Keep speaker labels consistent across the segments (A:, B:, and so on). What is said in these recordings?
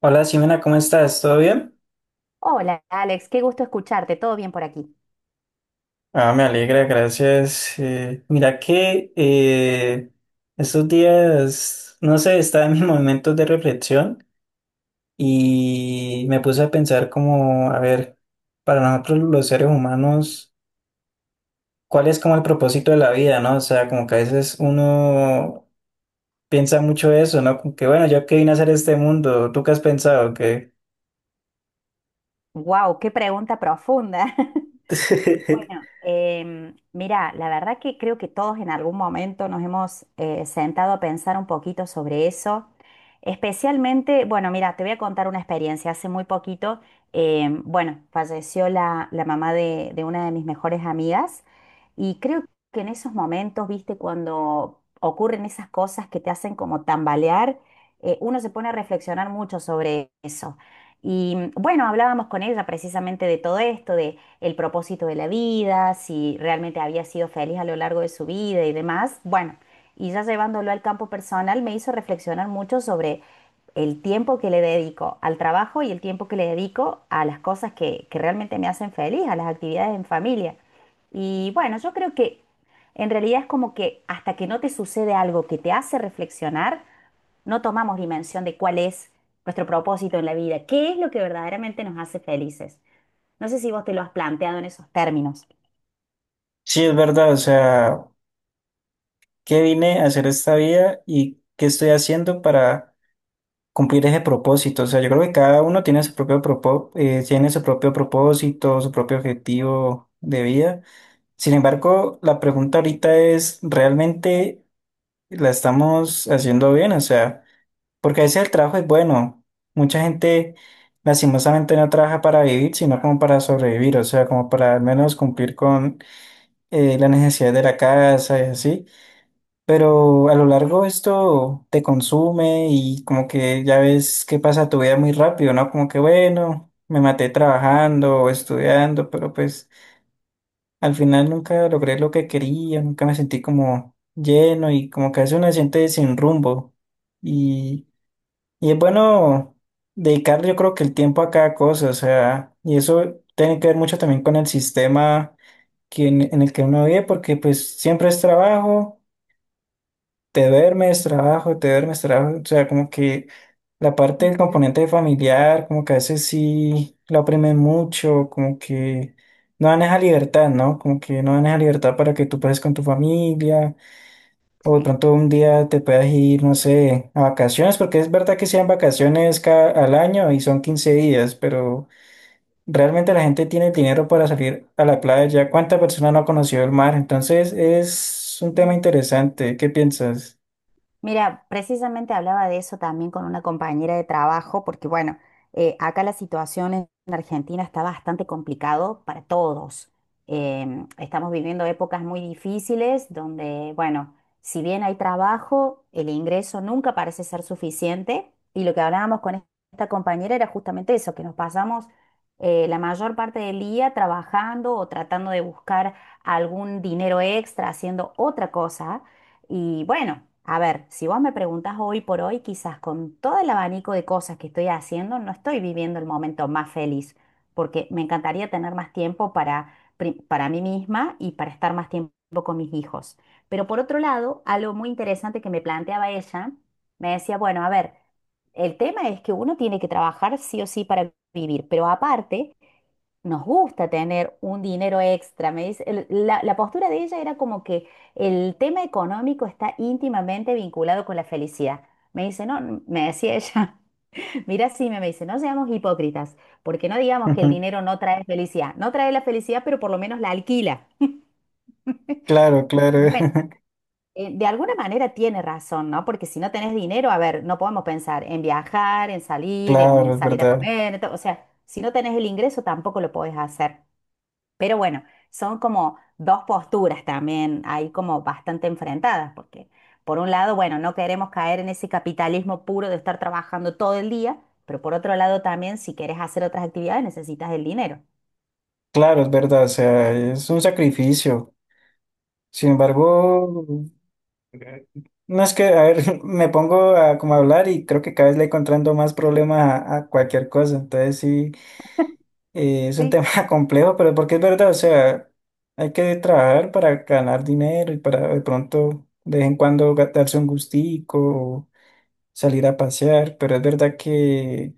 A: Hola Simena, ¿cómo estás? ¿Todo bien?
B: Hola Alex, qué gusto escucharte, todo bien por aquí.
A: Ah, me alegra, gracias. Mira que estos días, no sé, estaba en mis momentos de reflexión y me puse a pensar como, a ver, para nosotros los seres humanos, ¿cuál es como el propósito de la vida, no? O sea, como que a veces uno piensa mucho eso, ¿no? Como que bueno, yo qué vine a hacer a este mundo. ¿Tú qué has pensado? Que
B: Wow, qué pregunta profunda. Bueno, mira, la verdad que creo que todos en algún momento nos hemos sentado a pensar un poquito sobre eso. Especialmente, bueno, mira, te voy a contar una experiencia. Hace muy poquito, bueno, falleció la mamá de una de mis mejores amigas y creo que en esos momentos, viste, cuando ocurren esas cosas que te hacen como tambalear, uno se pone a reflexionar mucho sobre eso. Y bueno, hablábamos con ella precisamente de todo esto, de el propósito de la vida, si realmente había sido feliz a lo largo de su vida y demás. Bueno, y ya llevándolo al campo personal me hizo reflexionar mucho sobre el tiempo que le dedico al trabajo y el tiempo que le dedico a las cosas que realmente me hacen feliz, a las actividades en familia. Y bueno, yo creo que en realidad es como que hasta que no te sucede algo que te hace reflexionar, no tomamos dimensión de cuál es nuestro propósito en la vida, qué es lo que verdaderamente nos hace felices. No sé si vos te lo has planteado en esos términos.
A: Sí, es verdad, o sea, qué vine a hacer esta vida y qué estoy haciendo para cumplir ese propósito. O sea, yo creo que cada uno tiene su tiene su propio propósito, su propio objetivo de vida. Sin embargo, la pregunta ahorita es, ¿realmente la estamos haciendo bien? O sea, porque a veces el trabajo es bueno. Mucha gente lastimosamente no trabaja para vivir, sino como para sobrevivir, o sea, como para al menos cumplir con las necesidades de la casa y así. Pero a lo largo esto te consume y como que ya ves que pasa tu vida muy rápido, ¿no? Como que bueno, me maté trabajando o estudiando, pero pues al final nunca logré lo que quería, nunca me sentí como lleno y como que a veces uno se siente sin rumbo. Y, y es bueno dedicar yo creo que el tiempo a cada cosa, o sea, y eso tiene que ver mucho también con el sistema que en el que uno vive, porque pues siempre es trabajo, te duermes, trabajo, te duermes, trabajo. O sea, como que la parte del
B: Ujú.
A: componente familiar, como que a veces sí lo oprimen mucho, como que no dan esa libertad, ¿no? Como que no dan esa libertad para que tú pases con tu familia, o de
B: Sí.
A: pronto un día te puedas ir, no sé, a vacaciones, porque es verdad que sean vacaciones cada, al año y son 15 días, pero realmente la gente tiene el dinero para salir a la playa. ¿Cuántas personas no ha conocido el mar? Entonces es un tema
B: Mm.
A: interesante, ¿qué piensas?
B: Mira, precisamente hablaba de eso también con una compañera de trabajo, porque bueno, acá la situación en Argentina está bastante complicado para todos. Estamos viviendo épocas muy difíciles donde, bueno, si bien hay trabajo, el ingreso nunca parece ser suficiente. Y lo que hablábamos con esta compañera era justamente eso, que nos pasamos la mayor parte del día trabajando o tratando de buscar algún dinero extra haciendo otra cosa y bueno, a ver, si vos me preguntás hoy por hoy, quizás con todo el abanico de cosas que estoy haciendo, no estoy viviendo el momento más feliz, porque me encantaría tener más tiempo para, para mí misma y para estar más tiempo con mis hijos. Pero por otro lado, algo muy interesante que me planteaba ella, me decía, bueno, a ver, el tema es que uno tiene que trabajar sí o sí para vivir, pero aparte nos gusta tener un dinero extra. Me dice, la postura de ella era como que el tema económico está íntimamente vinculado con la felicidad. Me dice, no, me decía ella, mira, sí, me dice, no seamos hipócritas, porque no digamos que el dinero no trae felicidad. No trae la felicidad, pero por lo menos la alquila.
A: Claro, claro.
B: Bueno, de alguna manera tiene razón, ¿no? Porque si no tenés dinero, a ver, no podemos pensar en viajar, en
A: Claro, es
B: salir a
A: verdad.
B: comer, o sea, si no tenés el ingreso tampoco lo podés hacer. Pero bueno, son como dos posturas también ahí como bastante enfrentadas, porque por un lado, bueno, no queremos caer en ese capitalismo puro de estar trabajando todo el día, pero por otro lado también, si quieres hacer otras actividades, necesitas el dinero.
A: Claro, es verdad. O sea, es un sacrificio. Sin embargo, eh, no es que, a ver, me pongo a como a hablar y creo que cada vez le encontrando más problemas a cualquier cosa. Entonces sí, es un
B: Sí,
A: tema complejo, pero porque es verdad. O sea, hay que trabajar para ganar dinero y para de pronto de vez en cuando darse un gustico o salir a pasear. Pero es verdad que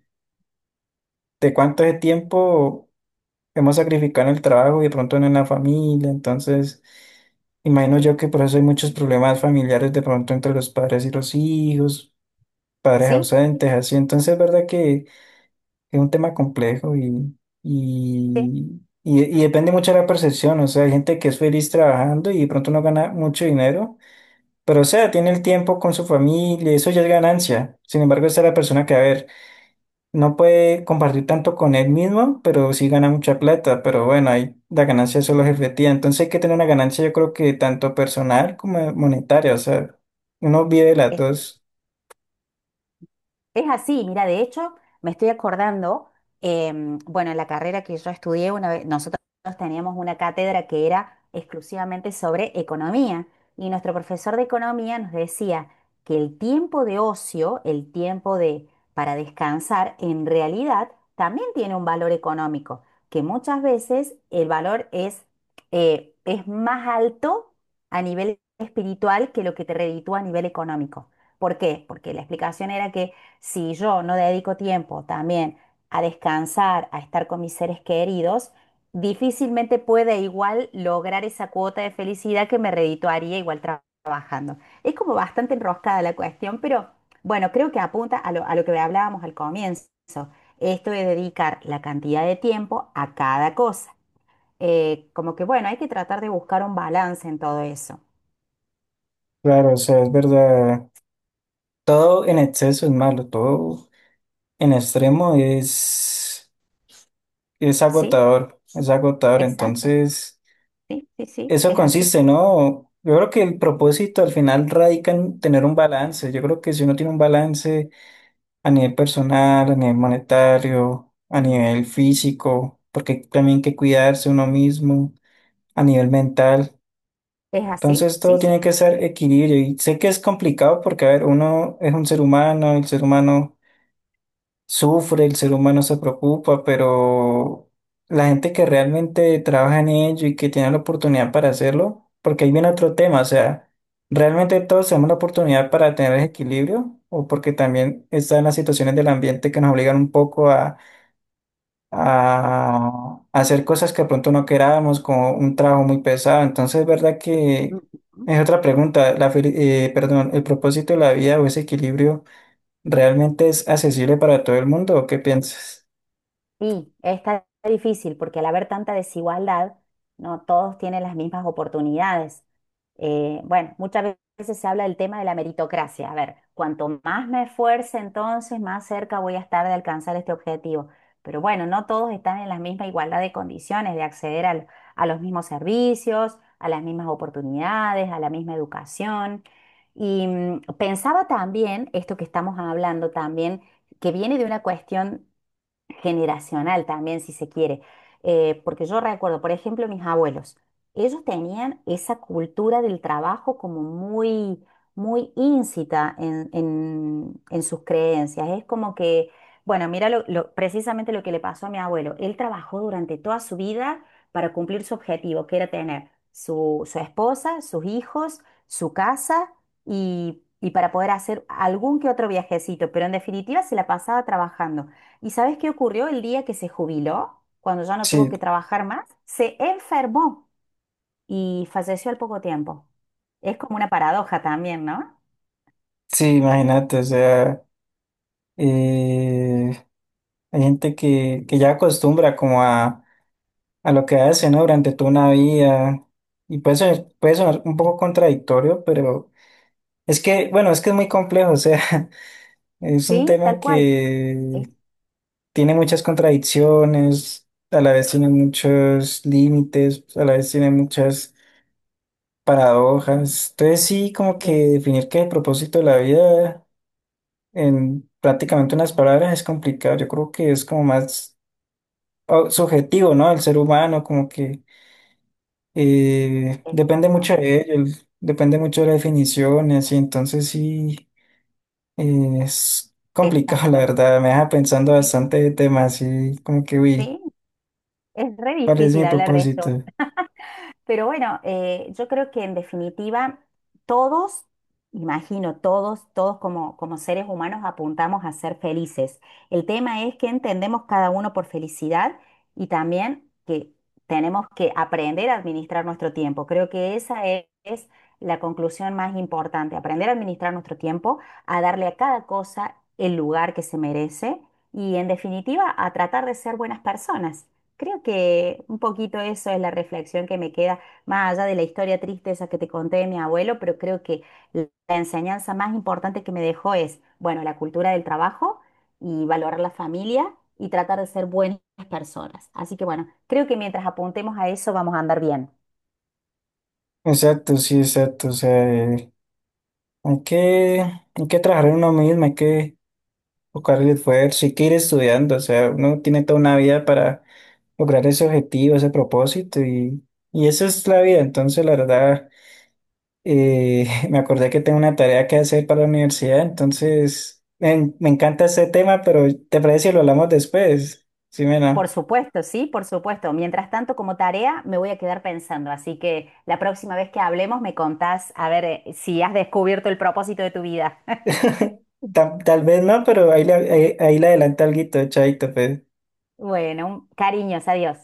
A: de cuánto es tiempo hemos sacrificado en el trabajo y de pronto no en la familia. Entonces imagino
B: sí,
A: yo que por eso hay muchos problemas familiares de pronto entre los padres y los hijos, padres
B: sí,
A: ausentes, así. Entonces es verdad que es un tema complejo y,
B: sí,
A: y, y, y depende mucho de la percepción. O sea, hay gente que es feliz trabajando y de pronto no gana mucho dinero, pero o sea, tiene el tiempo con su familia, eso ya es ganancia. Sin embargo, esa es la persona que, a ver, no puede compartir tanto con él mismo, pero sí gana mucha plata. Pero bueno, ahí la ganancia solo es efectiva. Entonces hay que tener una ganancia, yo creo que tanto personal como monetaria. O sea, uno vive las
B: sí.
A: dos.
B: Es así, mira, de hecho, me estoy acordando, bueno, en la carrera que yo estudié, una vez, nosotros teníamos una cátedra que era exclusivamente sobre economía y nuestro profesor de economía nos decía que el tiempo de ocio, el tiempo de para descansar, en realidad también tiene un valor económico, que muchas veces el valor es más alto a nivel espiritual que lo que te reditúa a nivel económico. ¿Por qué? Porque la explicación era que si yo no dedico tiempo también a descansar, a estar con mis seres queridos, difícilmente puede igual lograr esa cuota de felicidad que me redituaría igual trabajando. Es como bastante enroscada la cuestión, pero bueno, creo que apunta a a lo que hablábamos al comienzo. Esto de dedicar la cantidad de tiempo a cada cosa. Como que bueno, hay que tratar de buscar un balance en todo eso.
A: Claro, o sea, es verdad. Todo en exceso es malo, todo en extremo es
B: Sí,
A: agotador, es agotador.
B: exacto.
A: Entonces,
B: Sí, sí, sí,
A: eso
B: es así.
A: consiste, ¿no? Yo creo que el propósito al final radica en tener un balance. Yo creo que si uno tiene un balance a nivel personal, a nivel monetario, a nivel físico, porque también hay que cuidarse uno mismo, a nivel mental.
B: Es así,
A: Entonces todo
B: sí, sí.
A: tiene que ser equilibrio y sé que es complicado porque, a ver, uno es un ser humano, el ser humano sufre, el ser humano se preocupa. Pero la gente que realmente trabaja en ello y que tiene la oportunidad para hacerlo, porque ahí viene otro tema, o sea, realmente todos tenemos la oportunidad para tener ese equilibrio, o porque también están las situaciones del ambiente que nos obligan un poco a hacer cosas que de pronto no queramos, como un trabajo muy pesado. Entonces es verdad que
B: Ujú.
A: es otra pregunta, perdón, el propósito de la vida o ese equilibrio. ¿Realmente es accesible para todo el mundo o qué piensas?
B: Sí, está difícil porque al haber tanta desigualdad, no todos tienen las mismas oportunidades. Bueno, muchas veces se habla del tema de la meritocracia. A ver, cuanto más me esfuerce, entonces más cerca voy a estar de alcanzar este objetivo. Pero bueno, no todos están en la misma igualdad de condiciones de a los mismos servicios, a las mismas oportunidades, a la misma educación. Y mm, pensaba también, esto que estamos hablando también, que viene de una cuestión generacional también, si se quiere. Porque yo recuerdo, por ejemplo, mis abuelos, ellos tenían esa cultura del trabajo como muy, muy íncita en, en sus creencias. Es como que, bueno, mira precisamente lo que le pasó a mi abuelo. Él trabajó durante toda su vida para cumplir su objetivo, que era tener su esposa, sus hijos, su casa y para poder hacer algún que otro viajecito, pero en definitiva se la pasaba trabajando. ¿Y sabes qué ocurrió el día que se jubiló? Cuando ya no tuvo
A: Sí,
B: que trabajar más, se enfermó y falleció al poco tiempo. Es como una paradoja también, ¿no?
A: sí, imagínate, o sea, eh, hay gente que ya acostumbra como a lo que hace, ¿no? Durante toda una vida y puede sonar un poco contradictorio, pero es que, bueno, es que es muy complejo, o sea, es un
B: Sí,
A: tema
B: tal cual.
A: que
B: Es-
A: tiene muchas contradicciones, a la vez tiene muchos límites, a la vez tiene muchas paradojas. Entonces sí, como que
B: sí,
A: definir qué es el propósito de la vida en prácticamente unas palabras es complicado. Yo creo que es como más subjetivo, ¿no? El ser humano, como que depende
B: exacto,
A: mucho de ello, depende mucho de las definiciones, y entonces sí es complicado, la
B: exacto.
A: verdad. Me deja pensando
B: Sí,
A: bastante de temas y como que, uy,
B: sí, es re
A: ¿cuál es
B: difícil
A: mi
B: hablar de esto.
A: propósito?
B: Pero bueno, yo creo que en definitiva todos, imagino, todos, todos como, como seres humanos apuntamos a ser felices. El tema es que entendemos cada uno por felicidad y también que tenemos que aprender a administrar nuestro tiempo. Creo que es la conclusión más importante, aprender a administrar nuestro tiempo, a darle a cada cosa el lugar que se merece y en definitiva a tratar de ser buenas personas. Creo que un poquito eso es la reflexión que me queda, más allá de la historia triste esa que te conté de mi abuelo, pero creo que la enseñanza más importante que me dejó es, bueno, la cultura del trabajo y valorar la familia y tratar de ser buenas personas. Así que bueno, creo que mientras apuntemos a eso vamos a andar bien.
A: Exacto, sí, exacto. O sea, hay que trabajar en uno mismo, hay que buscar el esfuerzo, sí que ir estudiando. O sea, uno tiene toda una vida para lograr ese objetivo, ese propósito, y esa es la vida. Entonces, la verdad, me acordé que tengo una tarea que hacer para la universidad. Entonces me encanta este tema, pero ¿te parece si lo hablamos después? Sí, Mena.
B: Por supuesto, sí, por supuesto. Mientras tanto, como tarea, me voy a quedar pensando. Así que la próxima vez que hablemos me contás a ver si has descubierto el propósito de tu vida.
A: Tal vez no, pero ahí le adelanto alguito, chaito, pues.
B: Bueno, cariños, adiós.